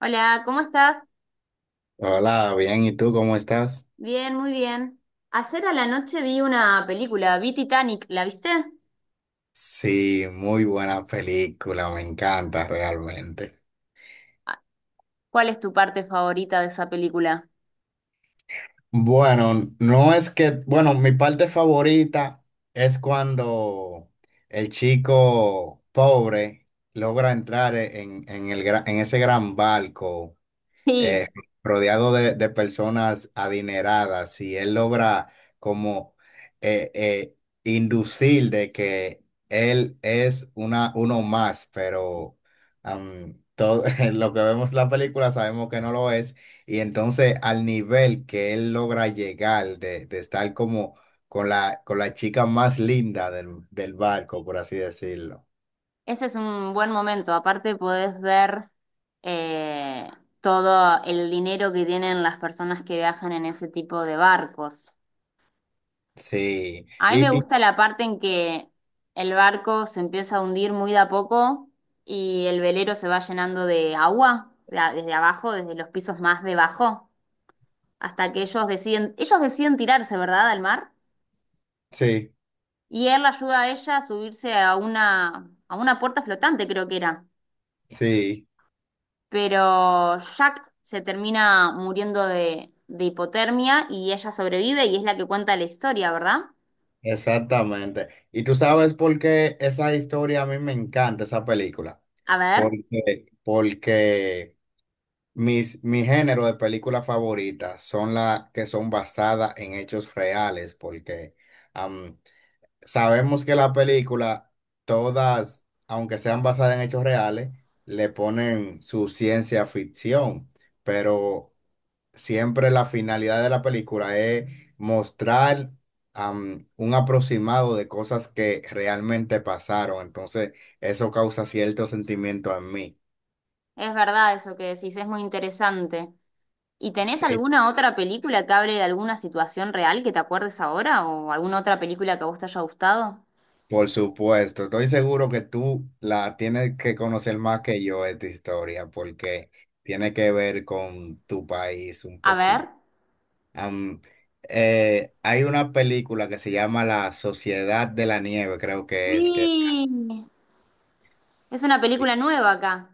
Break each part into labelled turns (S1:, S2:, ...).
S1: Hola, ¿cómo estás?
S2: Hola, bien, ¿y tú cómo estás?
S1: Bien, muy bien. Ayer a la noche vi una película, vi Titanic, ¿la viste?
S2: Sí, muy buena película, me encanta realmente.
S1: Ah, ¿cuál es tu parte favorita de esa película?
S2: Bueno, no es que, bueno, mi parte favorita es cuando el chico pobre logra entrar en el, en ese gran barco, eh,
S1: Sí,
S2: rodeado de personas adineradas y él logra como eh, eh, inducir de que él es uno más, pero en lo que vemos en la película sabemos que no lo es y entonces al nivel que él logra llegar de estar como con la chica más linda del barco, por así decirlo.
S1: ese es un buen momento. Aparte podés ver eh, todo el dinero que tienen las personas que viajan en ese tipo de barcos.
S2: Sí,
S1: A mí me gusta la parte en que el barco se empieza a hundir muy de a poco y el velero se va llenando de agua, desde abajo, desde los pisos más debajo, hasta que ellos deciden tirarse, ¿verdad?, al mar.
S2: sí,
S1: Y él la ayuda a ella a subirse a una puerta flotante, creo que era.
S2: sí.
S1: Pero Jack se termina muriendo de hipotermia y ella sobrevive y es la que cuenta la historia, ¿verdad?
S2: Exactamente. Y tú sabes por qué esa historia a mí me encanta, esa película.
S1: A ver,
S2: Porque mi género de películas favoritas son las que son basadas en hechos reales, porque am, sabemos que la película, todas, aunque sean basadas en hechos reales, le ponen su ciencia ficción, pero siempre la finalidad de la película es mostrar un aproximado de cosas que realmente pasaron. Entonces, eso causa cierto sentimiento en mí.
S1: es verdad eso que decís, es muy interesante. ¿Y tenés
S2: Sí.
S1: alguna otra película que hable de alguna situación real que te acuerdes ahora o alguna otra película que a vos te haya gustado?
S2: Por supuesto, estoy seguro que tú la tienes que conocer más que yo esta historia porque tiene que ver con tu país un
S1: A ver.
S2: poquito. Am, hay una película que se llama La Sociedad de la Nieve, creo que es que
S1: Sí, es una película nueva acá.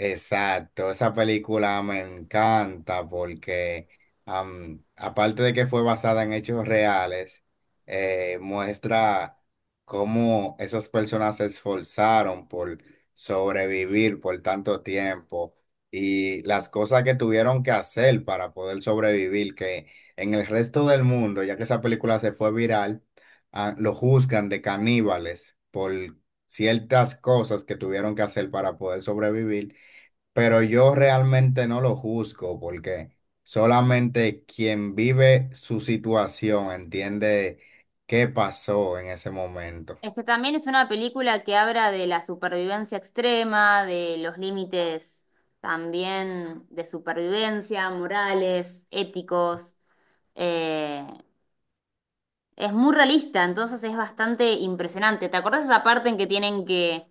S2: exacto, esa película me encanta porque aparte de que fue basada en hechos reales, muestra cómo esas personas se esforzaron por sobrevivir por tanto tiempo y las cosas que tuvieron que hacer para poder sobrevivir, que en el resto del mundo, ya que esa película se fue viral, lo juzgan de caníbales por ciertas cosas que tuvieron que hacer para poder sobrevivir, pero yo realmente no lo juzgo porque solamente quien vive su situación entiende qué pasó en ese momento.
S1: Es que también es una película que habla de la supervivencia extrema, de los límites también de supervivencia, morales, éticos. Eh, es muy realista, entonces es bastante impresionante. ¿Te acordás esa parte en que tienen que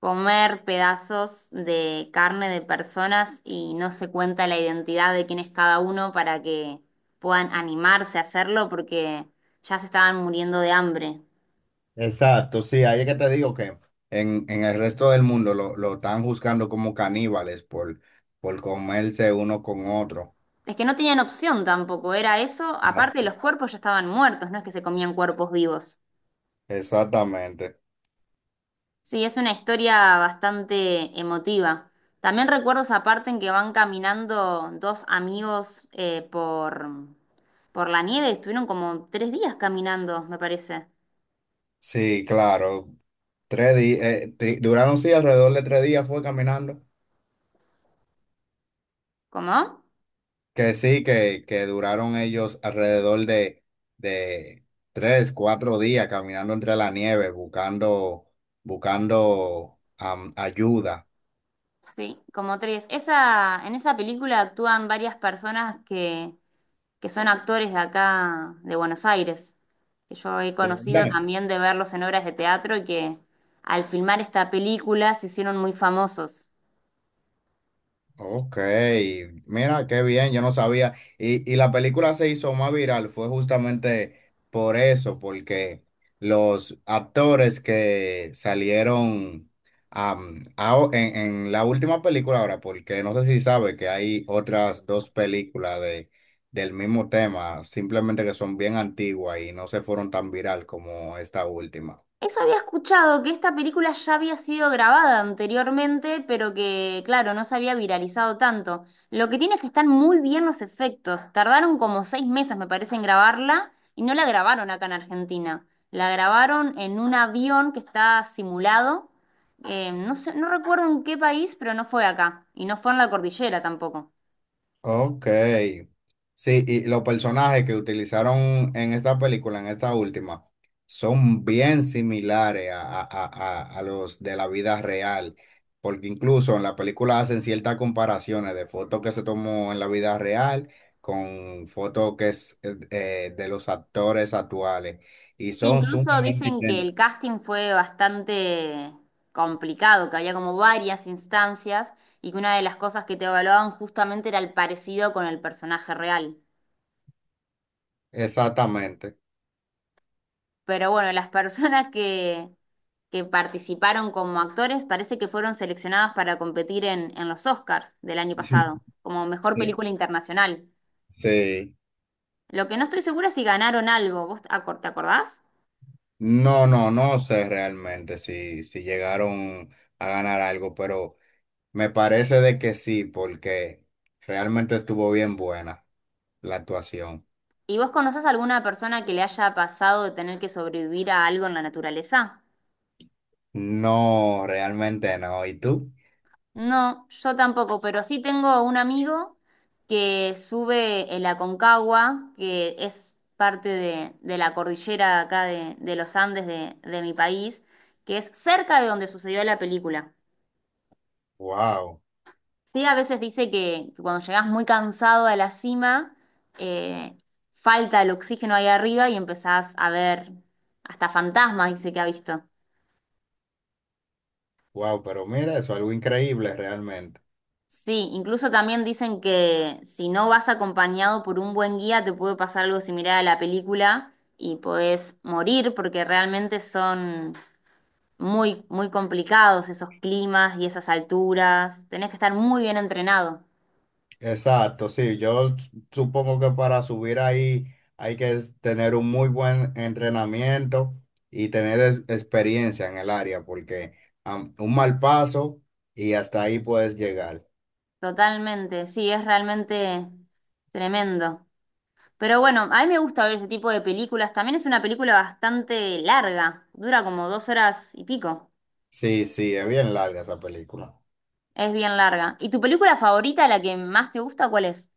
S1: comer pedazos de carne de personas y no se cuenta la identidad de quién es cada uno para que puedan animarse a hacerlo porque ya se estaban muriendo de hambre?
S2: Exacto, sí, ahí es que te digo que en el resto del mundo lo están juzgando como caníbales por comerse uno con otro.
S1: Es que no tenían opción tampoco, era eso. Aparte,
S2: Ah.
S1: los cuerpos ya estaban muertos, no es que se comían cuerpos vivos.
S2: Exactamente.
S1: Sí, es una historia bastante emotiva. También recuerdo esa parte en que van caminando dos amigos por la nieve. Estuvieron como tres días caminando, me parece.
S2: Sí, claro. 3 días, duraron sí alrededor de 3 días fue caminando.
S1: ¿Cómo?
S2: Que sí, que duraron ellos alrededor de 3, 4 días caminando entre la nieve, buscando, buscando ayuda.
S1: Sí, como tres. Esa, en esa película actúan varias personas que son actores de acá, de Buenos Aires, que yo he
S2: ¿De
S1: conocido
S2: verdad?
S1: también de verlos en obras de teatro y que al filmar esta película se hicieron muy famosos.
S2: Ok, mira qué bien, yo no sabía. Y la película se hizo más viral, fue justamente por eso, porque los actores que salieron en la última película ahora, porque no sé si sabe que hay otras dos películas del mismo tema, simplemente que son bien antiguas y no se fueron tan viral como esta última.
S1: Eso había escuchado, que esta película ya había sido grabada anteriormente, pero que, claro, no se había viralizado tanto. Lo que tiene es que están muy bien los efectos. Tardaron como seis meses, me parece, en grabarla y no la grabaron acá en Argentina. La grabaron en un avión que está simulado. No sé, no recuerdo en qué país, pero no fue acá. Y no fue en la cordillera tampoco.
S2: Ok. Sí, y los personajes que utilizaron en esta película, en esta última, son bien similares a los de la vida real, porque incluso en la película hacen ciertas comparaciones de fotos que se tomó en la vida real con fotos que es de los actores actuales, y
S1: Sí,
S2: son
S1: incluso
S2: sumamente
S1: dicen que
S2: idénticos.
S1: el casting fue bastante complicado, que había como varias instancias y que una de las cosas que te evaluaban justamente era el parecido con el personaje real.
S2: Exactamente.
S1: Pero bueno, las personas que participaron como actores parece que fueron seleccionadas para competir en los Oscars del año pasado, como mejor
S2: Sí.
S1: película internacional.
S2: Sí.
S1: Lo que no estoy segura es si ganaron algo. ¿Vos te acordás?
S2: No, no, no sé realmente si llegaron a ganar algo, pero me parece de que sí, porque realmente estuvo bien buena la actuación.
S1: ¿Y vos conocés alguna persona que le haya pasado de tener que sobrevivir a algo en la naturaleza?
S2: No, realmente no. ¿Y tú?
S1: No, yo tampoco, pero sí tengo un amigo que sube el Aconcagua, que es parte de la cordillera acá de los Andes de mi país, que es cerca de donde sucedió la película.
S2: Wow,
S1: Sí, a veces dice que cuando llegás muy cansado a la cima, eh, falta el oxígeno ahí arriba y empezás a ver hasta fantasmas, dice que ha visto.
S2: wow, pero mira, eso es algo increíble realmente.
S1: Sí, incluso también dicen que si no vas acompañado por un buen guía te puede pasar algo similar a la película y podés morir porque realmente son muy, muy complicados esos climas y esas alturas. Tenés que estar muy bien entrenado.
S2: Exacto, sí, yo supongo que para subir ahí hay que tener un muy buen entrenamiento y tener experiencia en el área, porque un mal paso y hasta ahí puedes llegar.
S1: Totalmente, sí, es realmente tremendo. Pero bueno, a mí me gusta ver ese tipo de películas. También es una película bastante larga, dura como dos horas y pico.
S2: Sí, sí, es bien larga esa película.
S1: Es bien larga. ¿Y tu película favorita, la que más te gusta, cuál es?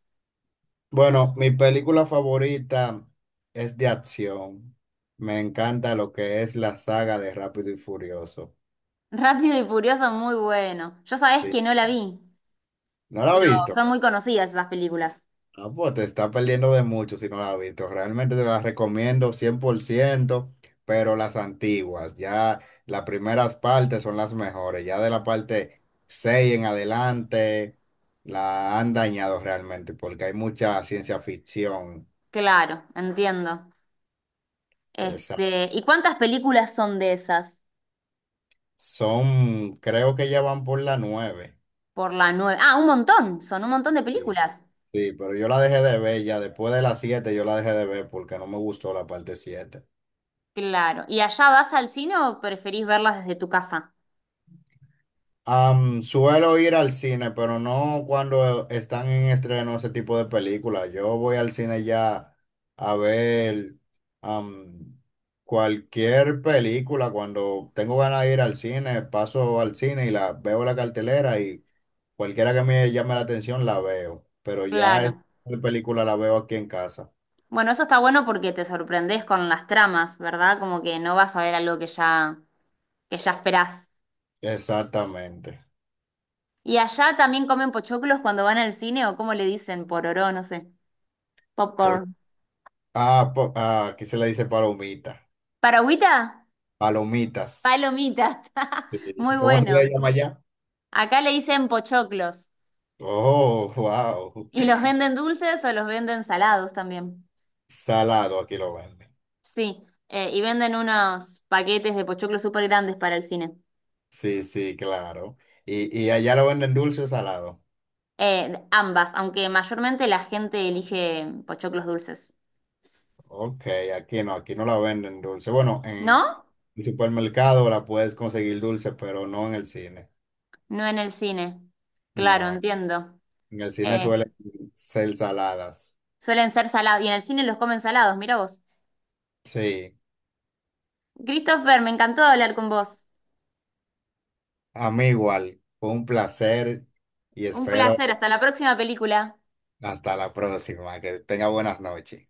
S2: Bueno, mi película favorita es de acción. Me encanta lo que es la saga de Rápido y Furioso.
S1: Rápido y Furioso, muy bueno. Yo sabés que no
S2: Sí.
S1: la vi,
S2: ¿No la has
S1: pero
S2: visto?
S1: son muy conocidas esas películas.
S2: Ah, pues te está perdiendo de mucho si no la has visto. Realmente te las recomiendo 100%, pero las antiguas, ya las primeras partes son las mejores. Ya de la parte 6 en adelante la han dañado realmente porque hay mucha ciencia ficción.
S1: Claro, entiendo.
S2: Esa-
S1: Este, ¿y cuántas películas son de esas?
S2: son, creo que ya van por la nueve.
S1: Por la nueve. Ah, un montón, son un montón de
S2: Sí.
S1: películas.
S2: Sí, pero yo la dejé de ver ya después de la siete, yo la dejé de ver porque no me gustó la parte siete.
S1: Claro. ¿Y allá vas al cine o preferís verlas desde tu casa?
S2: Suelo ir al cine, pero no cuando están en estreno ese tipo de películas. Yo voy al cine ya a ver am, cualquier película. Cuando tengo ganas de ir al cine, paso al cine y la veo la cartelera y cualquiera que me llame la atención la veo. Pero ya esa
S1: Claro.
S2: película la veo aquí en casa.
S1: Bueno, eso está bueno porque te sorprendés con las tramas, ¿verdad? Como que no vas a ver algo que ya esperás.
S2: Exactamente.
S1: ¿Y allá también comen pochoclos cuando van al cine o cómo le dicen? Pororó, no sé.
S2: Pues,
S1: Popcorn.
S2: aquí se le dice palomita,
S1: ¿Paragüita?
S2: palomitas.
S1: Palomitas,
S2: Sí.
S1: muy
S2: ¿Cómo se le
S1: bueno.
S2: llama allá?
S1: Acá le dicen pochoclos.
S2: Oh, wow.
S1: ¿Y los venden dulces o los venden salados también?
S2: Salado aquí lo venden.
S1: Sí, y venden unos paquetes de pochoclos súper grandes para el cine.
S2: Sí, sí, claro. Y allá lo venden dulce o salado.
S1: Ambas, aunque mayormente la gente elige pochoclos dulces.
S2: Ok, aquí no la venden dulce. Bueno, en
S1: ¿No?
S2: el supermercado la puedes conseguir dulce, pero no en el cine.
S1: No en el cine. Claro,
S2: No,
S1: entiendo.
S2: en el cine
S1: Eh,
S2: suelen ser saladas.
S1: Suelen ser salados y en el cine los comen salados, mira vos.
S2: Sí,
S1: Christopher, me encantó hablar con vos.
S2: a mí igual. Fue un placer y
S1: Un
S2: espero
S1: placer, hasta la próxima película.
S2: hasta la próxima. Que tenga buenas noches.